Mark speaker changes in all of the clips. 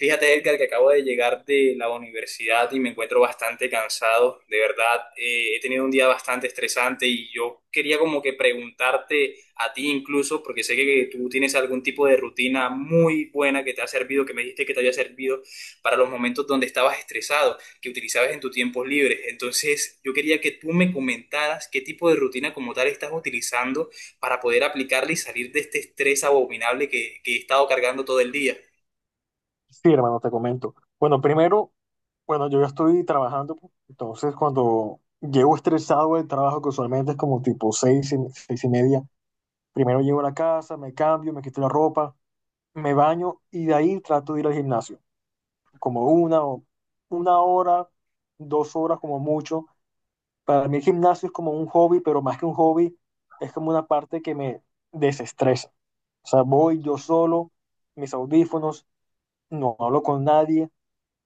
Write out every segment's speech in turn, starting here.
Speaker 1: Fíjate, Edgar, que acabo de llegar de la universidad y me encuentro bastante cansado. De verdad, he tenido un día bastante estresante y yo quería como que preguntarte a ti incluso, porque sé que tú tienes algún tipo de rutina muy buena que te ha servido, que me dijiste que te había servido para los momentos donde estabas estresado, que utilizabas en tus tiempos libres. Entonces, yo quería que tú me comentaras qué tipo de rutina como tal estás utilizando para poder aplicarla y salir de este estrés abominable que he estado cargando todo el día.
Speaker 2: Sí, hermano, te comento. Bueno, primero, bueno, yo ya estoy trabajando, pues, entonces cuando llego estresado del trabajo, que usualmente es como tipo 6:30, primero llego a la casa, me cambio, me quito la ropa, me baño y de ahí trato de ir al gimnasio, como una hora, 2 horas como mucho. Para mí el gimnasio es como un hobby, pero más que un hobby, es como una parte que me desestresa. O sea, voy yo solo, mis audífonos, no hablo con nadie.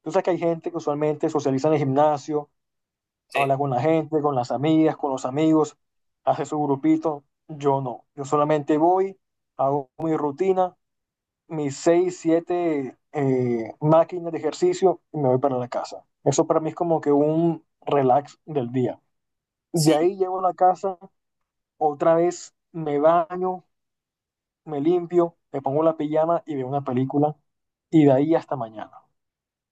Speaker 2: Tú sabes que hay gente que usualmente socializa en el gimnasio, habla
Speaker 1: Sí.
Speaker 2: con la gente, con las amigas, con los amigos, hace su grupito. Yo no. Yo solamente voy, hago mi rutina, mis seis, siete máquinas de ejercicio y me voy para la casa. Eso para mí es como que un relax del día. De
Speaker 1: Sí.
Speaker 2: ahí llego a la casa, otra vez me baño, me limpio, me pongo la pijama y veo una película y de ahí hasta mañana.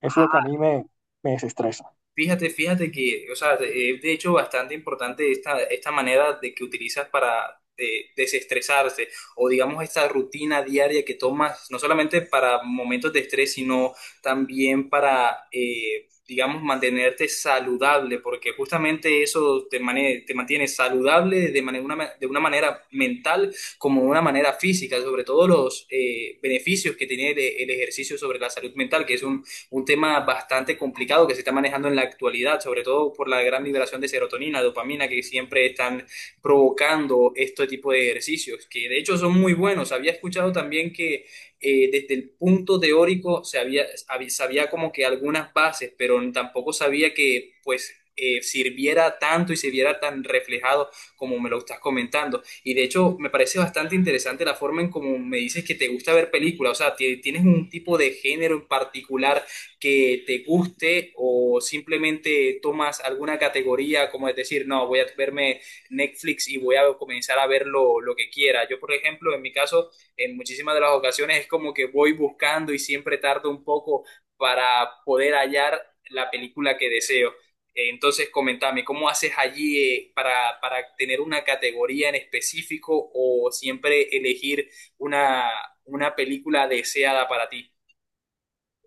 Speaker 2: Eso es lo que a
Speaker 1: Ah,
Speaker 2: mí me desestresa.
Speaker 1: fíjate, fíjate que, o sea, es de hecho bastante importante esta manera de que utilizas para desestresarse o digamos esta rutina diaria que tomas, no solamente para momentos de estrés, sino también para, digamos, mantenerte saludable, porque justamente eso te mantiene saludable de una manera mental como de una manera física, sobre todo los beneficios que tiene el ejercicio sobre la salud mental, que es un tema bastante complicado que se está manejando en la actualidad, sobre todo por la gran liberación de serotonina, dopamina que siempre están provocando este tipo de ejercicios, que de hecho son muy buenos. Había escuchado también que desde el punto teórico se sabía como que algunas bases, pero tampoco sabía que pues sirviera tanto y se viera tan reflejado como me lo estás comentando. Y de hecho me parece bastante interesante la forma en cómo me dices que te gusta ver películas, o sea, tienes un tipo de género en particular que te guste o simplemente tomas alguna categoría, como es decir, no, voy a verme Netflix y voy a comenzar a ver lo que quiera. Yo, por ejemplo, en mi caso, en muchísimas de las ocasiones es como que voy buscando y siempre tardo un poco para poder hallar la película que deseo. Entonces, comentame, ¿cómo haces allí para, tener una categoría en específico o siempre elegir una, una película deseada para ti?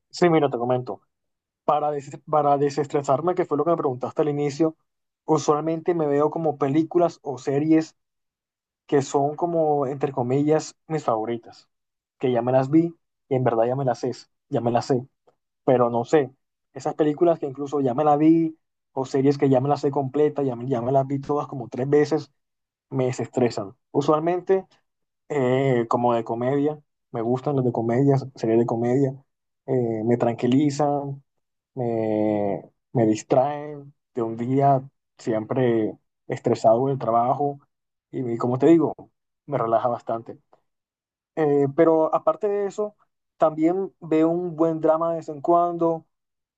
Speaker 2: Sí, mira, te comento. Para, para desestresarme, que fue lo que me preguntaste al inicio, usualmente me veo como películas o series que son como, entre comillas, mis favoritas, que ya me las vi y en verdad ya me las sé, pero no sé, esas películas que incluso ya me las vi o series que ya me las sé completa, ya me las vi todas como tres veces, me desestresan. Usualmente, como de comedia, me gustan las de comedia, series de comedia, me tranquilizan me, me distraen de un día siempre estresado del trabajo y como te digo, me relaja bastante. Pero aparte de eso, también veo un buen drama de vez en cuando,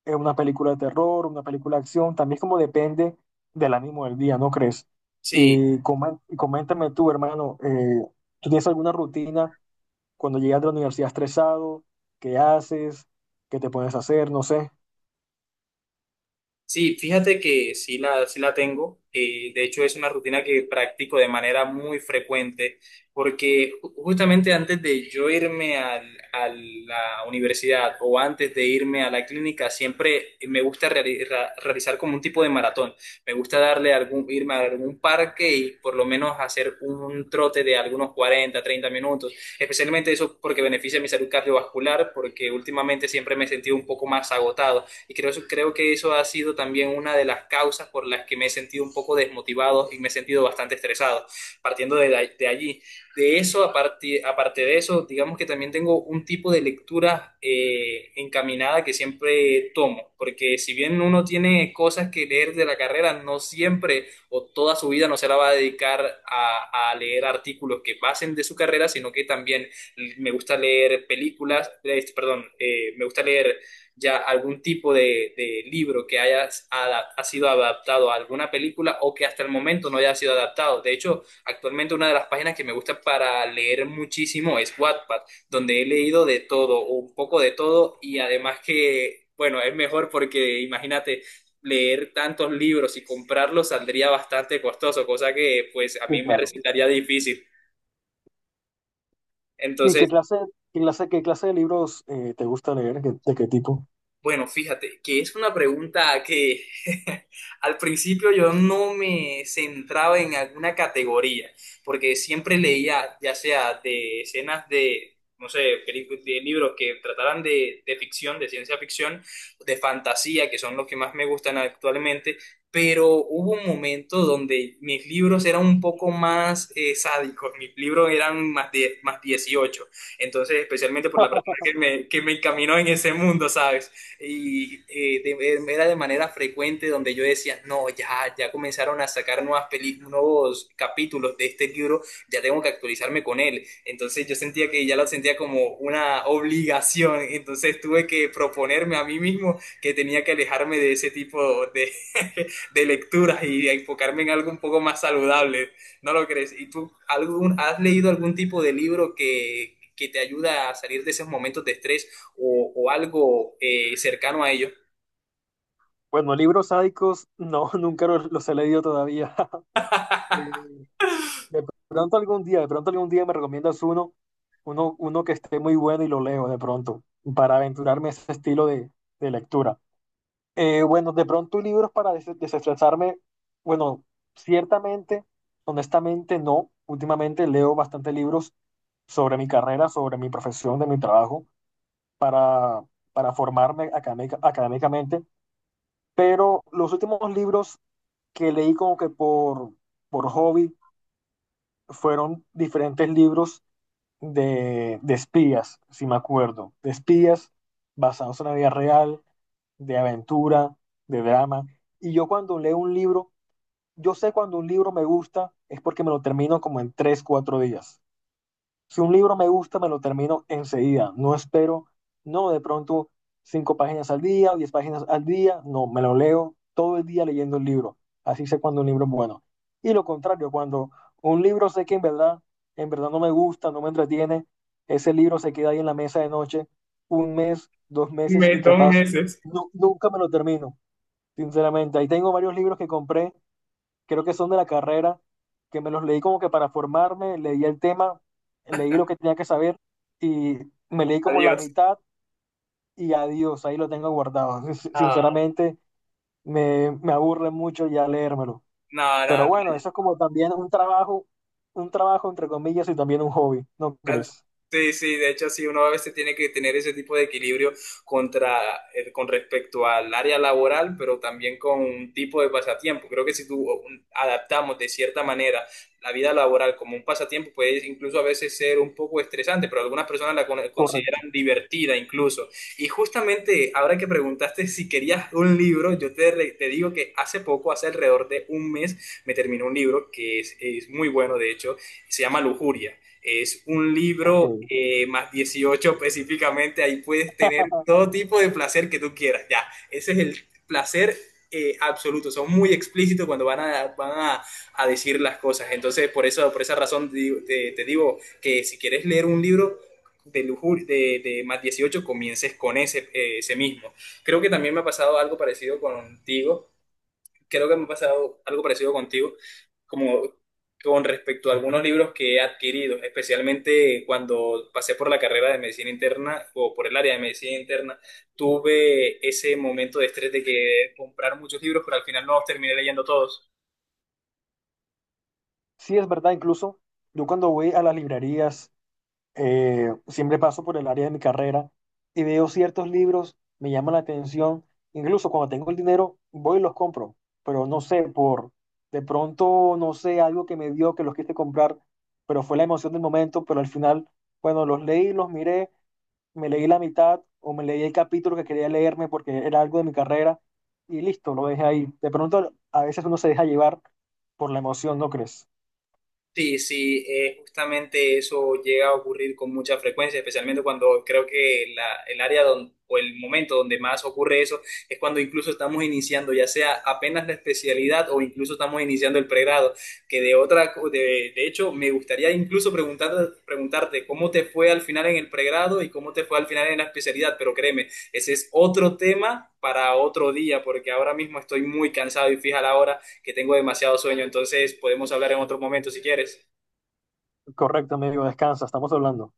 Speaker 2: una película de terror, una película de acción, también como depende del ánimo del día, ¿no crees?
Speaker 1: Sí,
Speaker 2: Y coméntame tú, hermano, ¿tú tienes alguna rutina cuando llegas de la universidad estresado? ¿Qué haces? ¿Qué te pones a hacer? No sé.
Speaker 1: sí, fíjate que sí la tengo. De hecho, es una rutina que practico de manera muy frecuente, porque justamente antes de yo irme a la universidad o antes de irme a la clínica, siempre me gusta realizar como un tipo de maratón. Me gusta darle algún, irme a algún parque y por lo menos hacer un trote de algunos 40 30 minutos. Especialmente eso porque beneficia mi salud cardiovascular, porque últimamente siempre me he sentido un poco más agotado. Y creo que eso ha sido también una de las causas por las que me he sentido un poco desmotivado y me he sentido bastante estresado, partiendo de allí. De eso, aparte, de eso, digamos que también tengo un tipo de lectura encaminada que siempre tomo, porque si bien uno tiene cosas que leer de la carrera, no siempre o toda su vida no se la va a dedicar a leer artículos que pasen de su carrera, sino que también me gusta leer películas, perdón, me gusta leer ya algún tipo de libro que ha sido adaptado a alguna película o que hasta el momento no haya sido adaptado. De hecho, actualmente una de las páginas que me gusta para leer muchísimo es Wattpad, donde he leído de todo, o un poco de todo, y además que, bueno, es mejor porque imagínate. Leer tantos libros y comprarlos saldría bastante costoso, cosa que pues a
Speaker 2: Sí,
Speaker 1: mí me
Speaker 2: claro.
Speaker 1: resultaría difícil.
Speaker 2: Sí, ¿qué
Speaker 1: Entonces,
Speaker 2: clase, qué clase, qué clase de libros te gusta leer? ¿Qué- ¿De qué tipo?
Speaker 1: bueno, fíjate que es una pregunta que al principio yo no me centraba en alguna categoría, porque siempre leía, ya sea de escenas de, no sé, de libros que trataran de ficción, de ciencia ficción, de fantasía, que son los que más me gustan actualmente, pero hubo un momento donde mis libros eran un poco más sádicos, mis libros eran más 18. Entonces, especialmente por la persona que me encaminó en ese mundo, ¿sabes? Y era de manera frecuente donde yo decía, no, ya, ya comenzaron a sacar nuevas nuevos capítulos de este libro, ya tengo que actualizarme con él. Entonces yo sentía que ya lo sentía como una obligación, entonces tuve que proponerme a mí mismo que tenía que alejarme de ese tipo de, de lecturas y enfocarme en algo un poco más saludable. ¿No lo crees? ¿Y tú algún, has leído algún tipo de libro que te ayuda a salir de esos momentos de estrés? O algo cercano a ello.
Speaker 2: Bueno, libros sádicos, no, nunca los he leído todavía. Eh, de de pronto algún día me recomiendas uno que esté muy bueno y lo leo de pronto, para aventurarme a ese estilo de lectura. Bueno, de pronto libros para desestresarme, bueno, ciertamente, honestamente no. Últimamente leo bastante libros sobre mi carrera, sobre mi profesión, de mi trabajo, para, para formarme académicamente, pero los últimos libros que leí como que por hobby fueron diferentes libros de espías, si me acuerdo, de espías basados en la vida real, de aventura, de drama. Y yo cuando leo un libro, yo sé cuando un libro me gusta es porque me lo termino como en 3, 4 días. Si un libro me gusta, me lo termino enseguida. No espero, no de pronto cinco páginas al día o 10 páginas al día. No, me lo leo todo el día leyendo el libro. Así sé cuando un libro es bueno. Y lo contrario, cuando un libro sé que en verdad no me gusta, no me entretiene, ese libro se queda ahí en la mesa de noche un mes, 2 meses y
Speaker 1: Dos
Speaker 2: capaz
Speaker 1: meses.
Speaker 2: nunca me lo termino. Sinceramente, ahí tengo varios libros que compré, creo que son de la carrera, que me los leí como que para formarme, leí el tema, leí lo que tenía que saber y me leí como la
Speaker 1: Adiós.
Speaker 2: mitad y adiós, ahí lo tengo guardado.
Speaker 1: No,
Speaker 2: Sinceramente, me aburre mucho ya leérmelo.
Speaker 1: no,
Speaker 2: Pero
Speaker 1: no.
Speaker 2: bueno, eso es como también un trabajo entre comillas y también un hobby, ¿no crees?
Speaker 1: Sí, sí, de hecho sí, uno a veces tiene que tener ese tipo de equilibrio con respecto al área laboral, pero también con un tipo de pasatiempo. Creo que si tú o, adaptamos de cierta manera la vida laboral como un pasatiempo, puede incluso a veces ser un poco estresante, pero algunas personas la
Speaker 2: Correcto.
Speaker 1: consideran divertida incluso. Y justamente ahora que preguntaste si querías un libro, yo te digo que hace poco, hace alrededor de un mes, me terminó un libro que es muy bueno, de hecho, se llama Lujuria. Es un
Speaker 2: Ok.
Speaker 1: libro más 18 específicamente, ahí puedes tener todo tipo de placer que tú quieras, ya. Ese es el placer absoluto, son muy explícitos cuando a decir las cosas. Entonces, por eso, por esa razón te digo que si quieres leer un libro de lujuria, de más 18, comiences con ese, ese mismo. Creo que también me ha pasado algo parecido contigo. Creo que me ha pasado algo parecido contigo, como con respecto a algunos libros que he adquirido, especialmente cuando pasé por la carrera de medicina interna o por el área de medicina interna, tuve ese momento de estrés de que comprar muchos libros, pero al final no los terminé leyendo todos.
Speaker 2: Sí, es verdad, incluso yo cuando voy a las librerías, siempre paso por el área de mi carrera y veo ciertos libros, me llaman la atención, incluso cuando tengo el dinero voy y los compro, pero no sé, por de pronto, no sé, algo que me dio que los quise comprar, pero fue la emoción del momento, pero al final, bueno, los leí, los miré, me leí la mitad o me leí el capítulo que quería leerme porque era algo de mi carrera y listo, lo dejé ahí. De pronto, a veces uno se deja llevar por la emoción, ¿no crees?
Speaker 1: Sí, sí, justamente eso llega a ocurrir con mucha frecuencia, especialmente cuando creo que el área o el momento donde más ocurre eso es cuando incluso estamos iniciando, ya sea apenas la especialidad o incluso estamos iniciando el pregrado, que de de hecho, me gustaría incluso preguntar, preguntarte cómo te fue al final en el pregrado y cómo te fue al final en la especialidad, pero créeme, ese es otro tema para otro día, porque ahora mismo estoy muy cansado y fija la hora que tengo demasiado sueño, entonces podemos hablar en otro momento si quieres.
Speaker 2: Correcto, amigo, descansa, estamos hablando.